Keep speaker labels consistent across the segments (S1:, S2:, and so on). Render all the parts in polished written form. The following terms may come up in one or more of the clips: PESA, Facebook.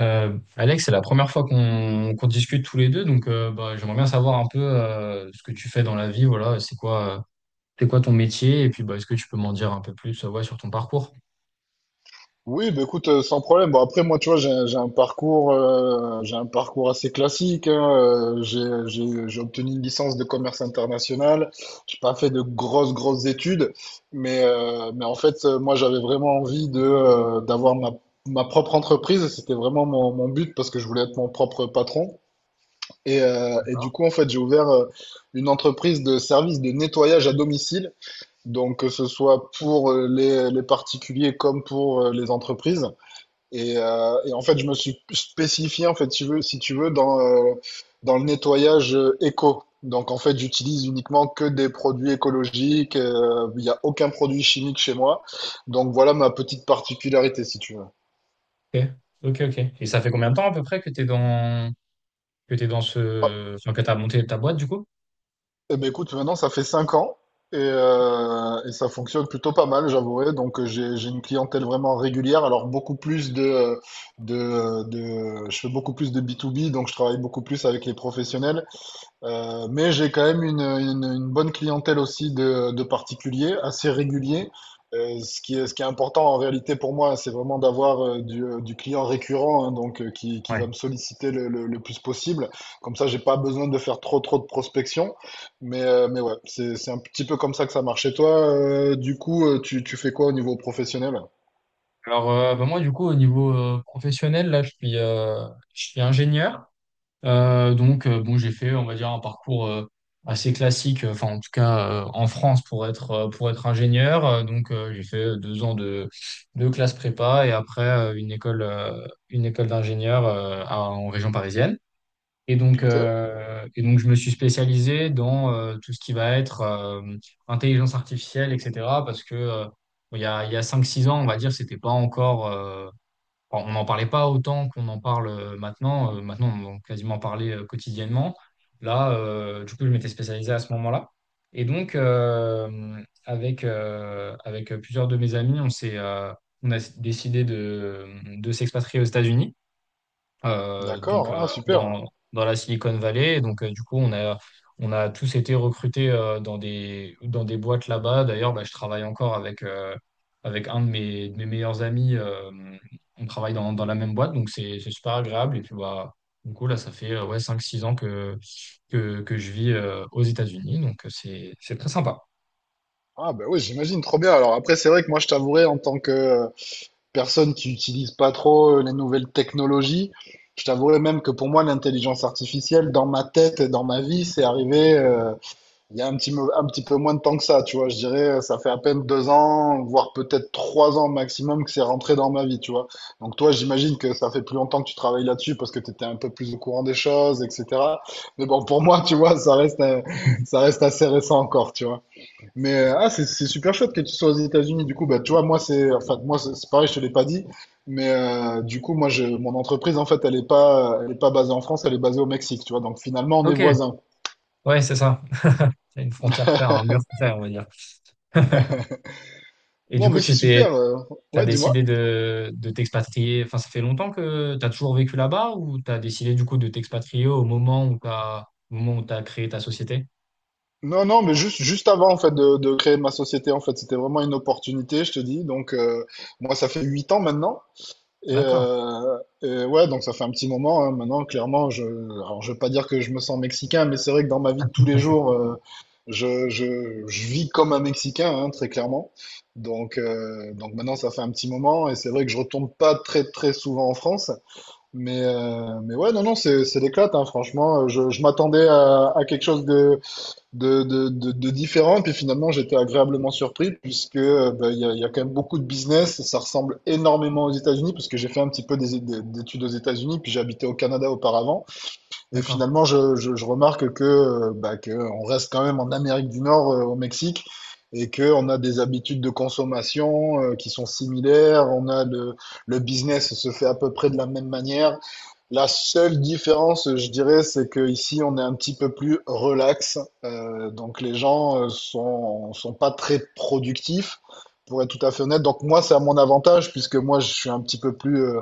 S1: Alex, c'est la première fois qu'on discute tous les deux, donc bah, j'aimerais bien savoir un peu ce que tu fais dans la vie, voilà, c'est quoi ton métier, et puis bah, est-ce que tu peux m'en dire un peu plus ouais, sur ton parcours?
S2: Oui, bah écoute, sans problème. Bon, après, moi, tu vois, j'ai un parcours assez classique, hein. J'ai obtenu une licence de commerce international. J'ai pas fait de grosses, grosses études, mais en fait, moi, j'avais vraiment envie d'avoir ma propre entreprise. C'était vraiment mon but parce que je voulais être mon propre patron. Et du coup, en fait, j'ai ouvert une entreprise de service de nettoyage à domicile. Donc, que ce soit pour les particuliers comme pour les entreprises. Et en fait, je me suis spécifié, en fait, si tu veux, dans le nettoyage éco. Donc, en fait, j'utilise uniquement que des produits écologiques. Il n'y a aucun produit chimique chez moi. Donc, voilà ma petite particularité, si tu veux.
S1: Ok, ok, ok. Et ça fait combien de temps à peu près que tu es dans, que t'es dans
S2: Ah,
S1: ce, enfin, que tu as monté ta boîte du coup?
S2: eh ben, écoute, maintenant, ça fait 5 ans et ça fonctionne plutôt pas mal, j'avouerai. Donc, j'ai une clientèle vraiment régulière. Alors, beaucoup plus de, euh, de, je fais beaucoup plus de B2B, donc je travaille beaucoup plus avec les professionnels. Mais j'ai quand même une bonne clientèle aussi de particuliers, assez réguliers. Ce qui est important en réalité pour moi, c'est vraiment d'avoir du client récurrent, hein, donc qui
S1: Ouais.
S2: va me solliciter le plus possible. Comme ça, j'ai pas besoin de faire trop trop de prospection. Mais ouais, c'est un petit peu comme ça que ça marche. Et toi, du coup, tu fais quoi au niveau professionnel?
S1: Alors bah, moi du coup au niveau professionnel, je suis ingénieur. Donc, bon, j'ai fait, on va dire, un parcours assez classique, enfin, en tout cas, en France pour être ingénieur. Donc, j'ai fait 2 ans de classe prépa et après une école d'ingénieur en région parisienne. Et donc,
S2: Ok,
S1: euh, et donc, je me suis spécialisé dans tout ce qui va être intelligence artificielle, etc. Parce que bon, il y a 5-6 ans, on va dire, c'était pas encore. Enfin, on n'en parlait pas autant qu'on en parle maintenant. Maintenant, on en quasiment parler quotidiennement. Là, du coup, je m'étais spécialisé à ce moment-là. Et donc, avec plusieurs de mes amis, on a décidé de s'expatrier aux États-Unis, donc
S2: d'accord, ah, super.
S1: dans la Silicon Valley. Donc du coup, on a tous été recrutés dans des boîtes là-bas. D'ailleurs, bah, je travaille encore avec un de mes meilleurs amis. On travaille dans la même boîte, donc c'est super agréable. Et puis bah, du coup, là, ça fait ouais, 5-6 ans que je vis aux États-Unis, donc c'est très sympa.
S2: Ah ben oui, j'imagine, trop bien. Alors après, c'est vrai que moi, je t'avouerai en tant que personne qui n'utilise pas trop les nouvelles technologies. Je t'avouerai même que pour moi, l'intelligence artificielle, dans ma tête et dans ma vie, c'est arrivé il y a un petit peu moins de temps que ça. Tu vois, je dirais, ça fait à peine 2 ans, voire peut-être 3 ans maximum que c'est rentré dans ma vie. Tu vois. Donc toi, j'imagine que ça fait plus longtemps que tu travailles là-dessus parce que tu étais un peu plus au courant des choses, etc. Mais bon, pour moi, tu vois, ça reste, euh, ça reste assez récent encore. Tu vois. Mais ah, c'est super chouette que tu sois aux États-Unis. Du coup, bah, tu vois, moi, c'est enfin, moi, c'est pareil, je te l'ai pas dit. Mais du coup, moi, mon entreprise, en fait, elle est pas basée en France, elle est basée au Mexique, tu vois. Donc finalement, on est
S1: Ok,
S2: voisins.
S1: ouais, c'est ça. C'est une frontière claire, un mur clair, on va dire. Et
S2: Non,
S1: du coup,
S2: mais c'est
S1: tu t'es
S2: super.
S1: T'as
S2: Ouais, dis-moi.
S1: décidé de t'expatrier, enfin ça fait longtemps que t'as toujours vécu là-bas ou t'as décidé du coup de t'expatrier au moment où t'as créé ta société?
S2: Non, non, mais juste avant, en fait, de créer ma société, en fait, c'était vraiment une opportunité, je te dis. Donc, moi, ça fait 8 ans maintenant. Et,
S1: D'accord,
S2: euh, et ouais, donc ça fait un petit moment, hein. Maintenant, clairement, alors je veux pas dire que je me sens mexicain, mais c'est vrai que dans ma vie de tous les jours, je vis comme un Mexicain, hein, très clairement. Donc, maintenant, ça fait un petit moment, et c'est vrai que je retourne pas très très souvent en France, mais ouais, non, non, c'est l'éclate, hein, franchement. Je m'attendais à quelque chose de différents. Puis finalement, j'étais agréablement surpris puisque ben, il y a quand même beaucoup de business. Ça ressemble énormément aux États-Unis parce que j'ai fait un petit peu d'études aux États-Unis, puis j'habitais au Canada auparavant. Et
S1: d'accord.
S2: finalement, je remarque que, bah, que on reste quand même en Amérique du Nord, au Mexique. Et que on a des habitudes de consommation qui sont similaires, on a le business se fait à peu près de la même manière, la seule différence, je dirais, c'est que ici on est un petit peu plus relax. Donc, les gens sont pas très productifs, pour être tout à fait honnête. Donc, moi, c'est à mon avantage, puisque moi,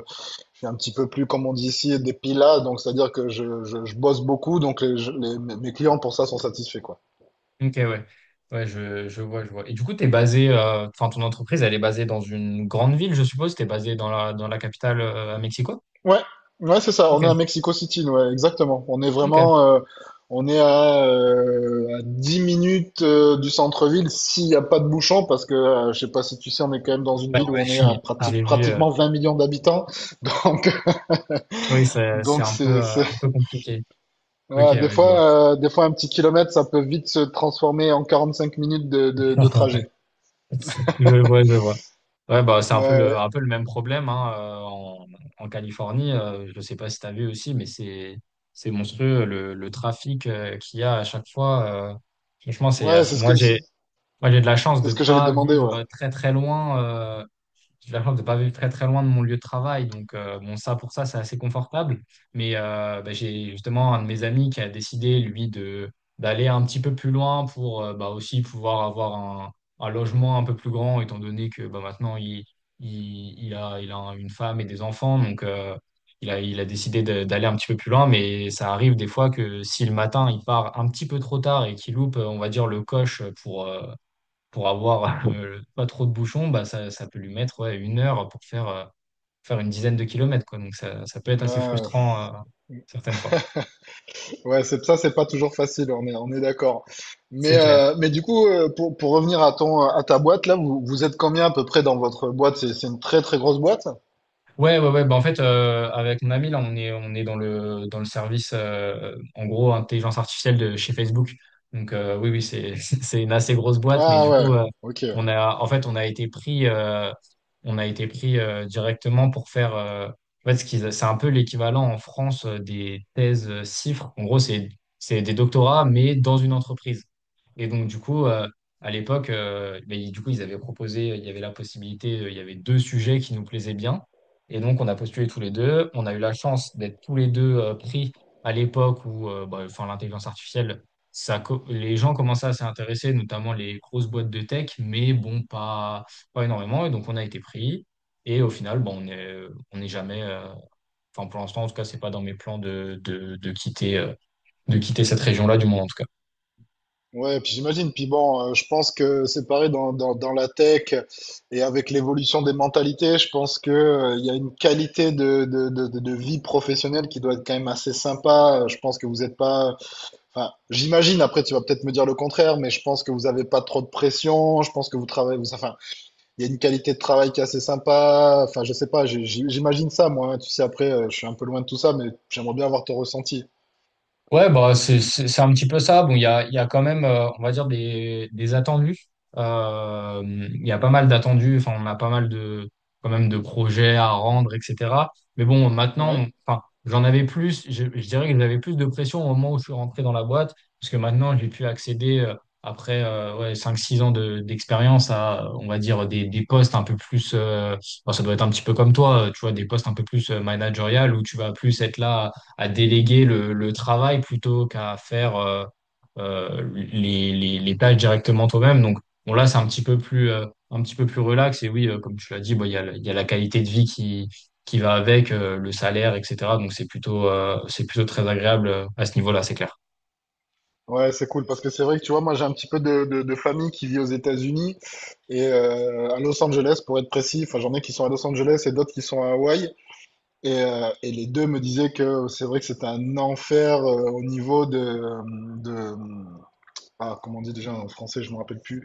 S2: je suis un petit peu plus, comme on dit ici, des pilas. Donc, c'est-à-dire que je bosse beaucoup. Donc, les, je- les- mes mes clients, pour ça, sont satisfaits, quoi.
S1: Ok, ouais. Ouais, je vois, je vois. Et du coup, enfin ton entreprise, elle est basée dans une grande ville, je suppose. T'es basé dans la capitale, à Mexico?
S2: Ouais, ouais, c'est ça. On est
S1: Ok,
S2: à Mexico City, nous, ouais, exactement. On est
S1: ok. Ouais,
S2: vraiment, à 10 minutes du centre-ville s'il n'y a pas de bouchon, parce que je sais pas si tu sais, on est quand même dans une
S1: ouais,
S2: ville où on est
S1: j'ai
S2: à
S1: j'ai vu.
S2: pratiquement 20 millions d'habitants. Donc,
S1: Oui, c'est
S2: donc,
S1: un peu compliqué. Ok,
S2: voilà, des
S1: oui, je vois.
S2: fois, euh, des fois un petit kilomètre, ça peut vite se transformer en 45 minutes de trajet.
S1: Je vois, je vois. Ouais, bah, c'est
S2: Ouais,
S1: un peu le même problème hein, en Californie. Je ne sais pas si tu as vu aussi, mais c'est monstrueux le trafic qu'il y a à chaque fois. Franchement,
S2: ouais, c'est ce
S1: moi,
S2: que, c'est
S1: moi, j'ai de la chance
S2: c'est
S1: de
S2: ce
S1: ne
S2: que j'allais te
S1: pas
S2: demander, ouais.
S1: vivre très, très loin J'ai la chance de pas vivre très très loin de mon lieu de travail. Donc, bon, ça, pour ça, c'est assez confortable. Mais bah, j'ai justement un de mes amis qui a décidé, lui, de d'aller un petit peu plus loin pour bah, aussi pouvoir avoir un logement un peu plus grand, étant donné que bah, maintenant, il a une femme et des enfants. Donc, il a décidé d'aller un petit peu plus loin. Mais ça arrive des fois que si le matin, il part un petit peu trop tard et qu'il loupe, on va dire, le coche pour avoir pas trop de bouchons, bah, ça peut lui mettre ouais, 1 heure faire une dizaine de kilomètres, quoi. Donc ça peut être assez
S2: Ouais.
S1: frustrant certaines fois.
S2: Ouais, c'est ça, c'est pas toujours facile, on est d'accord. Mais,
S1: C'est clair.
S2: euh, mais du coup, pour revenir à à ta boîte, là, vous êtes combien à peu près dans votre boîte? C'est une très très grosse boîte?
S1: Ouais, ouais, ouais. Bah, en fait, avec mon ami, là, on est dans le service, en gros, intelligence artificielle de chez Facebook. Donc, oui, oui, c'est une assez grosse boîte, mais
S2: Ah
S1: du
S2: ouais,
S1: coup,
S2: ok.
S1: en fait, on a été pris directement pour faire, en fait, c'est un peu l'équivalent en France des thèses CIFRE. En gros, c'est des doctorats, mais dans une entreprise. Et donc, du coup, à l'époque, ben, du coup, ils avaient proposé, il y avait la possibilité, il y avait deux sujets qui nous plaisaient bien. Et donc, on a postulé tous les deux. On a eu la chance d'être tous les deux pris à l'époque où bah, enfin, l'intelligence artificielle, les gens commençaient à s'y intéresser, notamment les grosses boîtes de tech, mais bon, pas énormément. Et donc, on a été pris. Et au final, bon, on n'est jamais, enfin, pour l'instant, en tout cas, c'est pas dans mes plans de quitter cette région-là, du moins, en tout cas.
S2: Ouais, puis j'imagine. Puis bon, je pense que c'est pareil dans la tech et avec l'évolution des mentalités, je pense que, il y a une qualité de vie professionnelle qui doit être quand même assez sympa. Je pense que vous n'êtes pas. Enfin, j'imagine, après tu vas peut-être me dire le contraire, mais je pense que vous n'avez pas trop de pression. Je pense que vous travaillez. Vous. Enfin, il y a une qualité de travail qui est assez sympa. Enfin, je sais pas, j'imagine ça, moi, hein. Tu sais, après, je suis un peu loin de tout ça, mais j'aimerais bien avoir ton ressenti.
S1: Ouais, bah, c'est un petit peu ça. Bon, il y a quand même, on va dire, des attendus. Euh, il y a pas mal d'attendus. Enfin, on a pas mal quand même, de projets à rendre, etc. Mais bon, maintenant,
S2: Ouais.
S1: enfin, j'en avais plus. Je dirais que j'avais plus de pression au moment où je suis rentré dans la boîte. Parce que maintenant, j'ai pu accéder, après ouais, 5-6 ans d'expérience, à, on va dire, des postes un peu plus. Bon, ça doit être un petit peu comme toi, tu vois, des postes un peu plus managériales où tu vas plus être là à déléguer le travail plutôt qu'à faire les tâches directement toi-même. Donc bon, là, c'est un petit peu plus relax. Et oui, comme tu l'as dit, bon, il y a la qualité de vie qui va avec, le salaire, etc. Donc c'est plutôt très agréable à ce niveau-là, c'est clair.
S2: Ouais, c'est cool parce que c'est vrai que tu vois, moi j'ai un petit peu de famille qui vit aux États-Unis et à Los Angeles pour être précis. Enfin, j'en ai qui sont à Los Angeles et d'autres qui sont à Hawaï. Et les deux me disaient que c'est vrai que c'était un enfer au niveau de ah, comment on dit déjà en français, je me rappelle plus.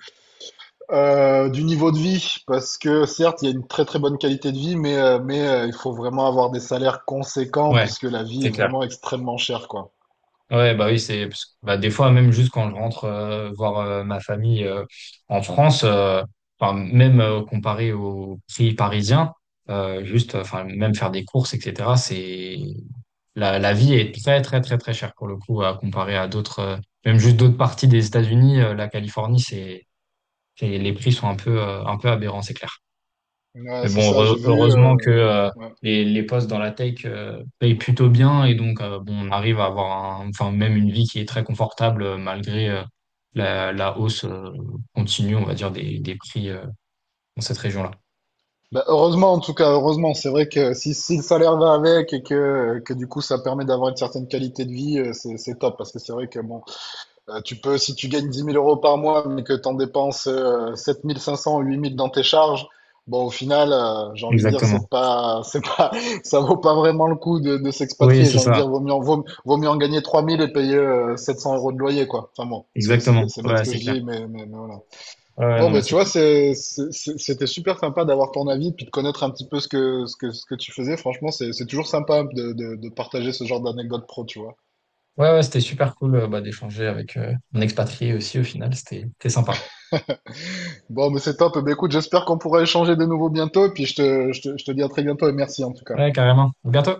S2: Du niveau de vie, parce que certes, il y a une très très bonne qualité de vie, mais, il faut vraiment avoir des salaires conséquents,
S1: Ouais,
S2: puisque la vie
S1: c'est
S2: est
S1: clair.
S2: vraiment extrêmement chère, quoi.
S1: Ouais, bah oui, c'est parce que, bah, des fois même juste quand je rentre voir ma famille en France, enfin, même comparé aux prix parisiens, juste enfin même faire des courses, etc. La vie est très très très très chère pour le coup à comparer à d'autres, même juste d'autres parties des États-Unis. La Californie, les prix sont un peu aberrants, c'est clair. Mais
S2: Ouais, c'est
S1: bon,
S2: ça, j'ai vu.
S1: heureusement que
S2: Ouais.
S1: les postes dans la tech payent plutôt bien et donc bon, on arrive à avoir enfin même une vie qui est très confortable malgré la hausse continue, on va dire, des prix dans cette région-là.
S2: Bah, heureusement, en tout cas, heureusement, c'est vrai que si le salaire va avec et que du coup ça permet d'avoir une certaine qualité de vie, c'est top, parce que c'est vrai que bon, tu peux, si tu gagnes 10 000 euros par mois, mais que tu en dépenses 7 500 ou 8 000 dans tes charges, bon, au final, j'ai envie de dire, c'est
S1: Exactement.
S2: pas, c'est pas, ça vaut pas vraiment le coup de
S1: Oui,
S2: s'expatrier.
S1: c'est
S2: J'ai envie de
S1: ça.
S2: dire, vaut mieux en gagner 3 000 et payer 700 euros de loyer, quoi. Enfin bon, c'est c'est
S1: Exactement.
S2: bête c'est bête ce
S1: Ouais,
S2: que
S1: c'est
S2: je
S1: clair.
S2: dis, mais voilà.
S1: Ouais, ouais,
S2: Bon,
S1: non, mais
S2: ben, tu
S1: c'est
S2: vois,
S1: cool.
S2: c'était super sympa d'avoir ton avis, puis de connaître un petit peu ce que tu faisais. Franchement, c'est toujours sympa de partager ce genre d'anecdote pro, tu vois.
S1: Ouais, ouais, c'était super cool bah, d'échanger avec un expatrié aussi au final. C'était sympa.
S2: Bon, mais c'est top. Eh ben, écoute, j'espère qu'on pourra échanger de nouveau bientôt. Et puis je te dis à très bientôt et merci en tout cas.
S1: Ouais, carrément. À bientôt.